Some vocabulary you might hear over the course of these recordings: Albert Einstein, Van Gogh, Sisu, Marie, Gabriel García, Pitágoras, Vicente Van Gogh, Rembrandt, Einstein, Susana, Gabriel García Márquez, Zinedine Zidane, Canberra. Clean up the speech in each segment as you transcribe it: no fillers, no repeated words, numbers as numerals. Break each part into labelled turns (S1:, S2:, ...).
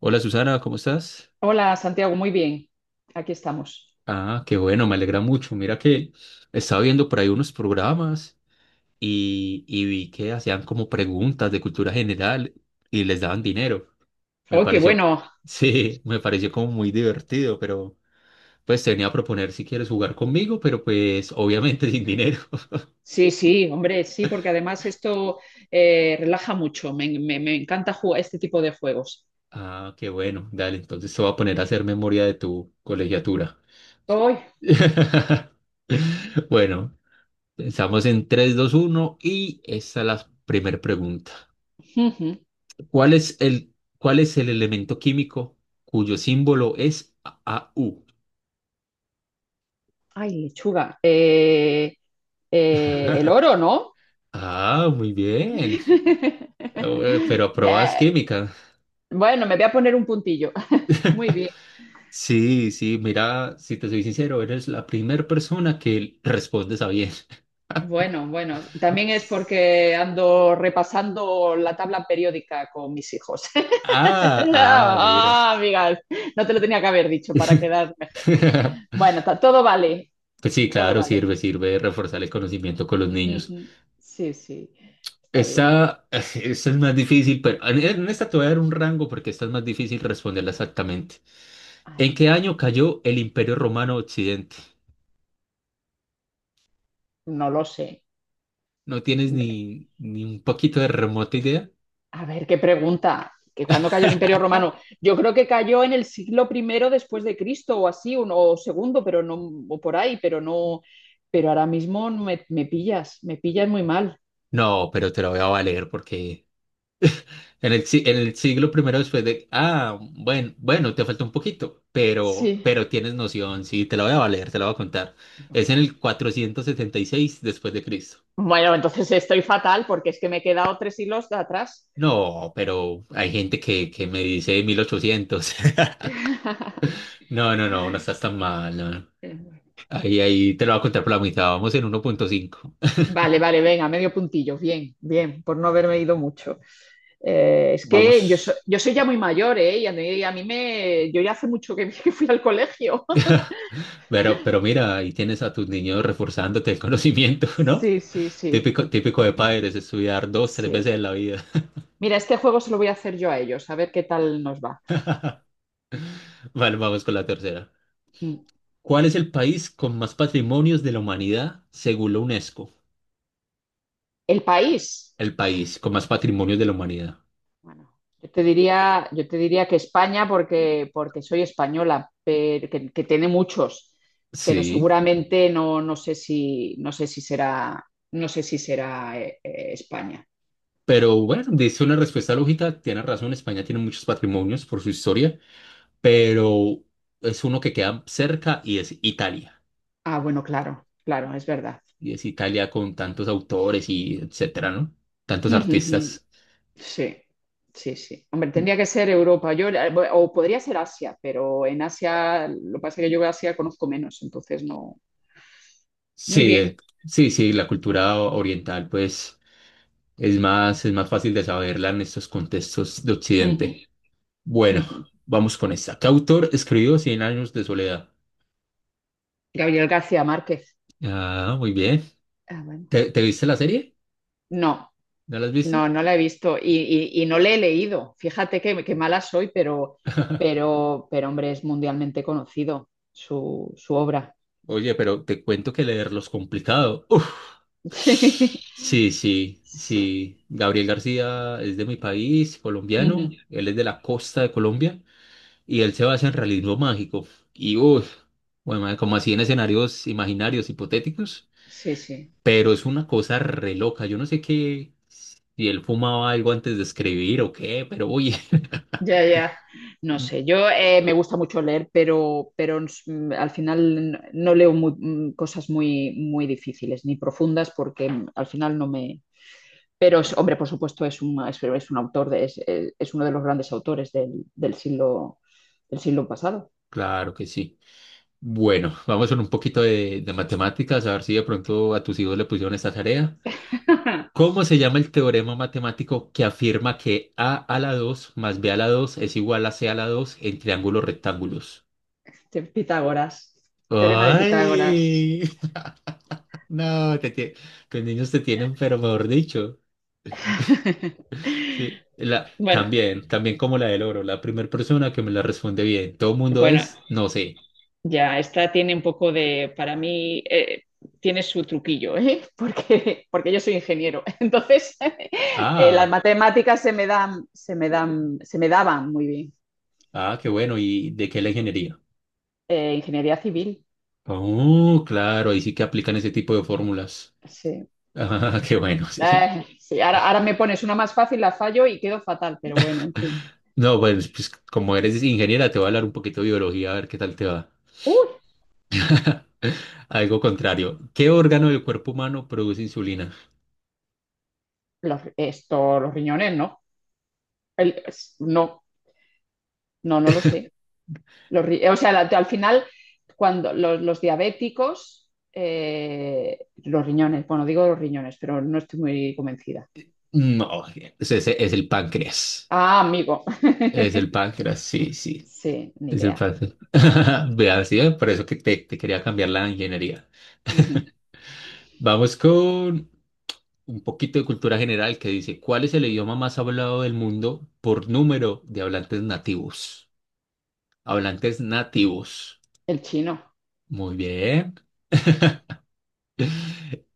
S1: Hola Susana, ¿cómo estás?
S2: Hola Santiago, muy bien. Aquí estamos.
S1: Ah, qué bueno, me alegra mucho. Mira que estaba viendo por ahí unos programas y vi que hacían como preguntas de cultura general y les daban dinero. Me
S2: Oh, qué
S1: pareció,
S2: bueno.
S1: sí, me pareció como muy divertido, pero pues te venía a proponer si quieres jugar conmigo, pero pues obviamente sin dinero.
S2: Sí, sí, hombre, sí, porque además esto relaja mucho. Me encanta jugar este tipo de juegos.
S1: Ah, qué bueno, dale, entonces te voy a poner a hacer memoria de tu colegiatura.
S2: Hoy,
S1: Bueno, estamos en tres dos uno y esta es la primera pregunta.
S2: ujú.
S1: ¿Cuál es cuál es el elemento químico cuyo símbolo es AU?
S2: Ay, lechuga. El oro, ¿no?
S1: Ah, muy bien. Pero aprobas
S2: Bien.
S1: química.
S2: Bueno, me voy a poner un puntillo. Muy bien.
S1: Sí, sí, mira, si te soy sincero, eres la primera persona que responde a bien.
S2: Bueno, bueno, también es porque ando repasando la tabla periódica con mis hijos.
S1: Ah, ah, mira.
S2: Ah, amigas, no te lo tenía que haber dicho para quedar mejor. Bueno, todo vale,
S1: Pues sí,
S2: todo
S1: claro,
S2: vale.
S1: sirve, sirve reforzar el conocimiento con los niños.
S2: Ujú. Sí, sí, está bien.
S1: Esta, esta es más difícil, pero en esta te voy a dar un rango porque esta es más difícil responderla exactamente.
S2: Ay,
S1: ¿En qué año cayó el Imperio Romano Occidente?
S2: no lo sé.
S1: ¿No tienes ni un poquito de remota idea?
S2: A ver, qué pregunta. ¿Que cuándo cayó el Imperio Romano? Yo creo que cayó en el siglo primero después de Cristo o así, o segundo, pero no, o por ahí, pero no. Pero ahora mismo no me pillas, me pillas muy mal.
S1: No, pero te lo voy a valer porque en el, si- en el siglo primero después de... Ah, bueno, bueno, te falta un poquito,
S2: Sí.
S1: pero tienes noción, sí, te la voy a valer, te la voy a contar. Es en el 476 después de Cristo.
S2: Bueno, entonces estoy fatal porque es que me he quedado tres hilos de atrás.
S1: No, pero hay gente que me dice mil ochocientos. No, no, no, no estás tan mal, no.
S2: Eh,
S1: Ahí, ahí te lo voy a contar por la mitad. Vamos en 1.5.
S2: Vale, vale, venga, medio puntillo. Bien, bien, por no haberme ido mucho. Es que
S1: Vamos.
S2: yo soy ya muy mayor, ¿eh? Y a mí me... Yo ya hace mucho que, que fui al colegio.
S1: Pero mira, ahí tienes a tus niños reforzándote el conocimiento, ¿no?
S2: Sí, sí, sí,
S1: Típico, típico de padres, estudiar dos, tres
S2: sí.
S1: veces en la vida.
S2: Mira, este juego se lo voy a hacer yo a ellos, a ver qué tal nos va.
S1: Vale, vamos con la tercera.
S2: Mm.
S1: ¿Cuál es el país con más patrimonios de la humanidad según la UNESCO?
S2: El país.
S1: El país con más patrimonios de la humanidad.
S2: Bueno, yo te diría que España porque soy española, pero, que tiene muchos, pero
S1: Sí,
S2: seguramente no, no sé si será España.
S1: pero bueno, dice una respuesta lógica, tiene razón, España tiene muchos patrimonios por su historia, pero es uno que queda cerca y es Italia.
S2: Ah, bueno, claro, claro, es verdad.
S1: Y es Italia con tantos autores y etcétera, ¿no? Tantos artistas.
S2: Sí, sí, sí. Hombre, tendría que ser Europa, o podría ser Asia, pero en Asia, lo que pasa es que yo Asia conozco menos, entonces no. Muy
S1: Sí,
S2: bien.
S1: sí, sí, la cultura oriental, pues, es más fácil de saberla en estos contextos de Occidente.
S2: Ujú,
S1: Bueno,
S2: ujú.
S1: vamos con esta. ¿Qué autor escribió Cien años de soledad?
S2: Gabriel García Márquez.
S1: Ah, muy bien.
S2: Ah, bueno.
S1: ¿Te viste la serie?
S2: No.
S1: ¿No la has visto?
S2: No, no la he visto y no le he leído. Fíjate que mala soy, pero hombre, es mundialmente conocido su obra.
S1: Oye, pero te cuento que leerlo es complicado.
S2: Sí.
S1: Sí, sí,
S2: Sí.
S1: sí. Gabriel García es de mi país, colombiano.
S2: Ujú.
S1: Él es de la costa de Colombia y él se basa en realismo mágico. Y uff, bueno, como así en escenarios imaginarios, hipotéticos.
S2: Sí, sí.
S1: Pero es una cosa re loca. Yo no sé qué, si él fumaba algo antes de escribir o qué, pero oye,
S2: Ya, ya. No sé, yo me gusta mucho leer, pero al final no leo cosas muy, muy difíciles ni profundas porque al final no me. Pero, es, hombre, por supuesto, es un autor, es uno de los grandes autores del del siglo pasado.
S1: claro que sí. Bueno, vamos con un poquito de matemáticas, a ver si de pronto a tus hijos le pusieron esta tarea. ¿Cómo se llama el teorema matemático que afirma que a la 2 más b a la dos es igual a c a la 2 en triángulos rectángulos?
S2: De Pitágoras, teorema de Pitágoras.
S1: ¡Ay! No, los niños te tienen, pero mejor dicho. Sí, la,
S2: Bueno,
S1: también, también como la del oro, la primera persona que me la responde bien. Todo el mundo
S2: bueno,
S1: es, no sé.
S2: ya, esta tiene un poco de, para mí, tiene su truquillo, ¿eh? Porque yo soy ingeniero. Entonces, Las
S1: Ah,
S2: matemáticas se me dan, se me dan, se me daban muy bien.
S1: ah, qué bueno. ¿Y de qué la ingeniería?
S2: Ingeniería civil,
S1: Oh, claro, ahí sí que aplican ese tipo de fórmulas.
S2: sí.
S1: Ah, qué bueno, sí.
S2: Sí, ahora me pones una más fácil, la fallo y quedo fatal, pero bueno, en fin.
S1: No, pues, pues como eres ingeniera, te voy a hablar un poquito de biología, a ver qué tal te va.
S2: Uy,
S1: Algo contrario. ¿Qué órgano del cuerpo humano produce insulina?
S2: los riñones, ¿no? No, no, no lo sé. O sea, al final, cuando los diabéticos, los riñones, bueno, digo los riñones, pero no estoy muy convencida.
S1: No, es el páncreas.
S2: Ah, amigo.
S1: Es el páncreas, sí, sí.
S2: Sí, ni
S1: Es el
S2: idea.
S1: páncreas. Vea, sí, por eso que te quería cambiar la ingeniería.
S2: Ujú.
S1: Vamos con un poquito de cultura general que dice, ¿cuál es el idioma más hablado del mundo por número de hablantes nativos? Hablantes nativos.
S2: El chino.
S1: Muy bien.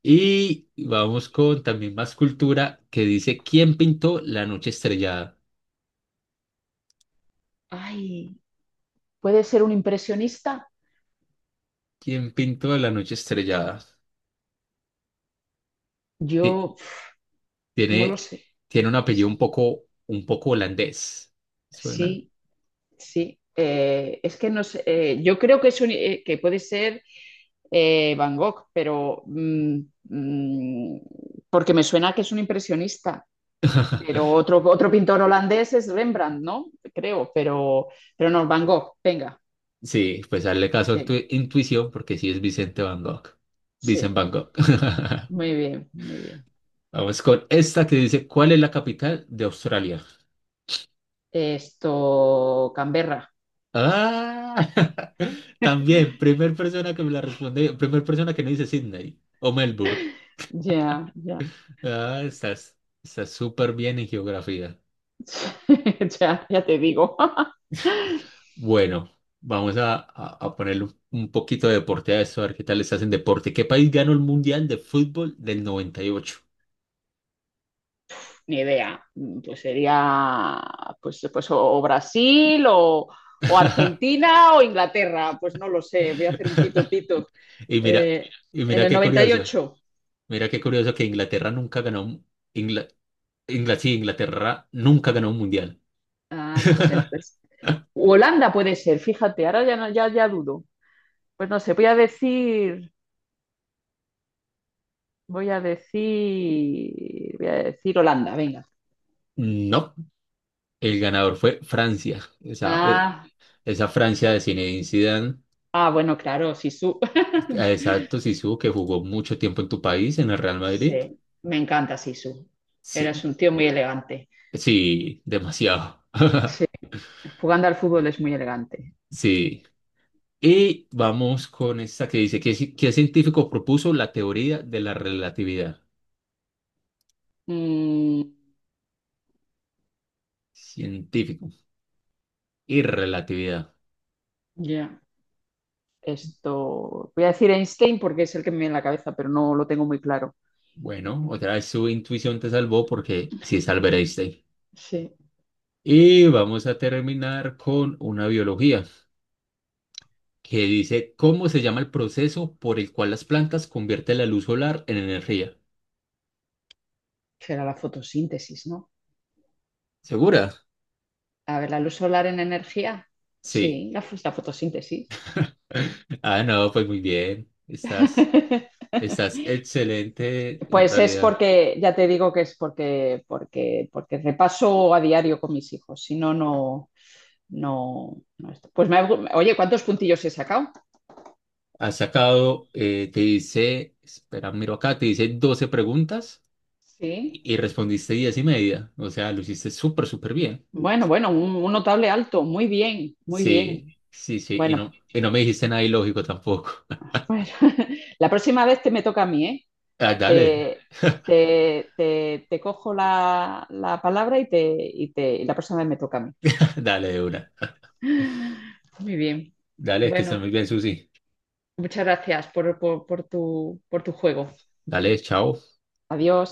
S1: Y vamos con también más cultura que dice, ¿quién pintó la noche estrellada?
S2: Ay, ¿puede ser un impresionista?
S1: ¿Quién pintó la noche estrellada? Ti-
S2: Yo no lo
S1: Tiene,
S2: sé.
S1: tiene un apellido un poco holandés. Suena.
S2: Sí, sí, es que no sé, yo creo que, que puede ser Van Gogh, pero mm, porque me suena que es un impresionista, pero otro pintor holandés es Rembrandt, ¿no? Creo, pero no, Van Gogh, venga,
S1: Sí, pues hazle caso a tu
S2: sí,
S1: intuición porque sí es Vicente Van Gogh. Vicente
S2: sí,
S1: Van Gogh.
S2: muy bien, muy bien.
S1: Vamos con esta que dice, ¿cuál es la capital de Australia?
S2: Canberra,
S1: Ah, también, primer persona que me la responde, primer persona que no dice Sydney o Melbourne.
S2: ya, ya,
S1: Ah, estás, estás súper bien en geografía.
S2: ya, ya te digo.
S1: Bueno, vamos a ponerle un poquito de deporte a esto, a ver qué tal estás en deporte. ¿Qué país ganó el Mundial de Fútbol del 98?
S2: Ni idea. Pues sería pues o Brasil o
S1: ¿Y
S2: Argentina o Inglaterra. Pues no lo
S1: ocho?
S2: sé. Voy a hacer un pito pito.
S1: Y mira,
S2: Eh,
S1: y
S2: en el noventa y ocho
S1: mira qué curioso que Inglaterra nunca ganó, Ingla, sí, Inglaterra nunca ganó un Mundial.
S2: Ah, pues entonces. U Holanda puede ser, fíjate, ahora ya, ya, ya dudo. Pues no sé, voy a decir Holanda, venga.
S1: No, el ganador fue Francia. Esa,
S2: Ah,
S1: esa Francia de Zinedine Zidane,
S2: ah, bueno, claro, Sisu.
S1: exacto, Zizou, que jugó mucho tiempo en tu país, en el Real Madrid.
S2: Sí, me encanta Sisu. Eres
S1: Sí,
S2: un tío muy elegante.
S1: sí, demasiado.
S2: Sí, jugando al fútbol es muy elegante.
S1: Sí. Y vamos con esta que dice, qué científico propuso la teoría de la relatividad?
S2: Mm,
S1: Científico y relatividad.
S2: ya. Voy a decir Einstein porque es el que me viene en la cabeza, pero no lo tengo muy claro.
S1: Bueno, otra vez su intuición te salvó porque sí es Albert Einstein.
S2: Sí.
S1: Y vamos a terminar con una biología que dice, ¿cómo se llama el proceso por el cual las plantas convierten la luz solar en energía?
S2: Será la fotosíntesis, ¿no?
S1: ¿Segura?
S2: A ver, la luz solar en energía.
S1: Sí.
S2: Sí, la fotosíntesis.
S1: Ah, no, pues muy bien. Estás... Estás excelente, en
S2: Pues es
S1: realidad.
S2: ya te digo que es porque repaso a diario con mis hijos. Si no, no, no, no esto. Pues oye, ¿cuántos puntillos he sacado?
S1: Has sacado, te dice, espera, miro acá, te dice 12 preguntas
S2: Sí,
S1: y respondiste 10 y media. O sea, lo hiciste súper, súper bien.
S2: bueno, bueno, un notable alto. Muy bien, muy bien.
S1: Sí, sí, sí.
S2: Bueno,
S1: Y no me dijiste nada ilógico tampoco.
S2: pues, la próxima vez te me toca a mí, ¿eh?
S1: Ah, dale,
S2: Te, te cojo la palabra y la próxima vez me toca a mí.
S1: dale de una.
S2: Muy bien.
S1: Dale, que estés
S2: Bueno,
S1: muy bien, Susi.
S2: muchas gracias por tu juego.
S1: Dale, chao.
S2: Adiós.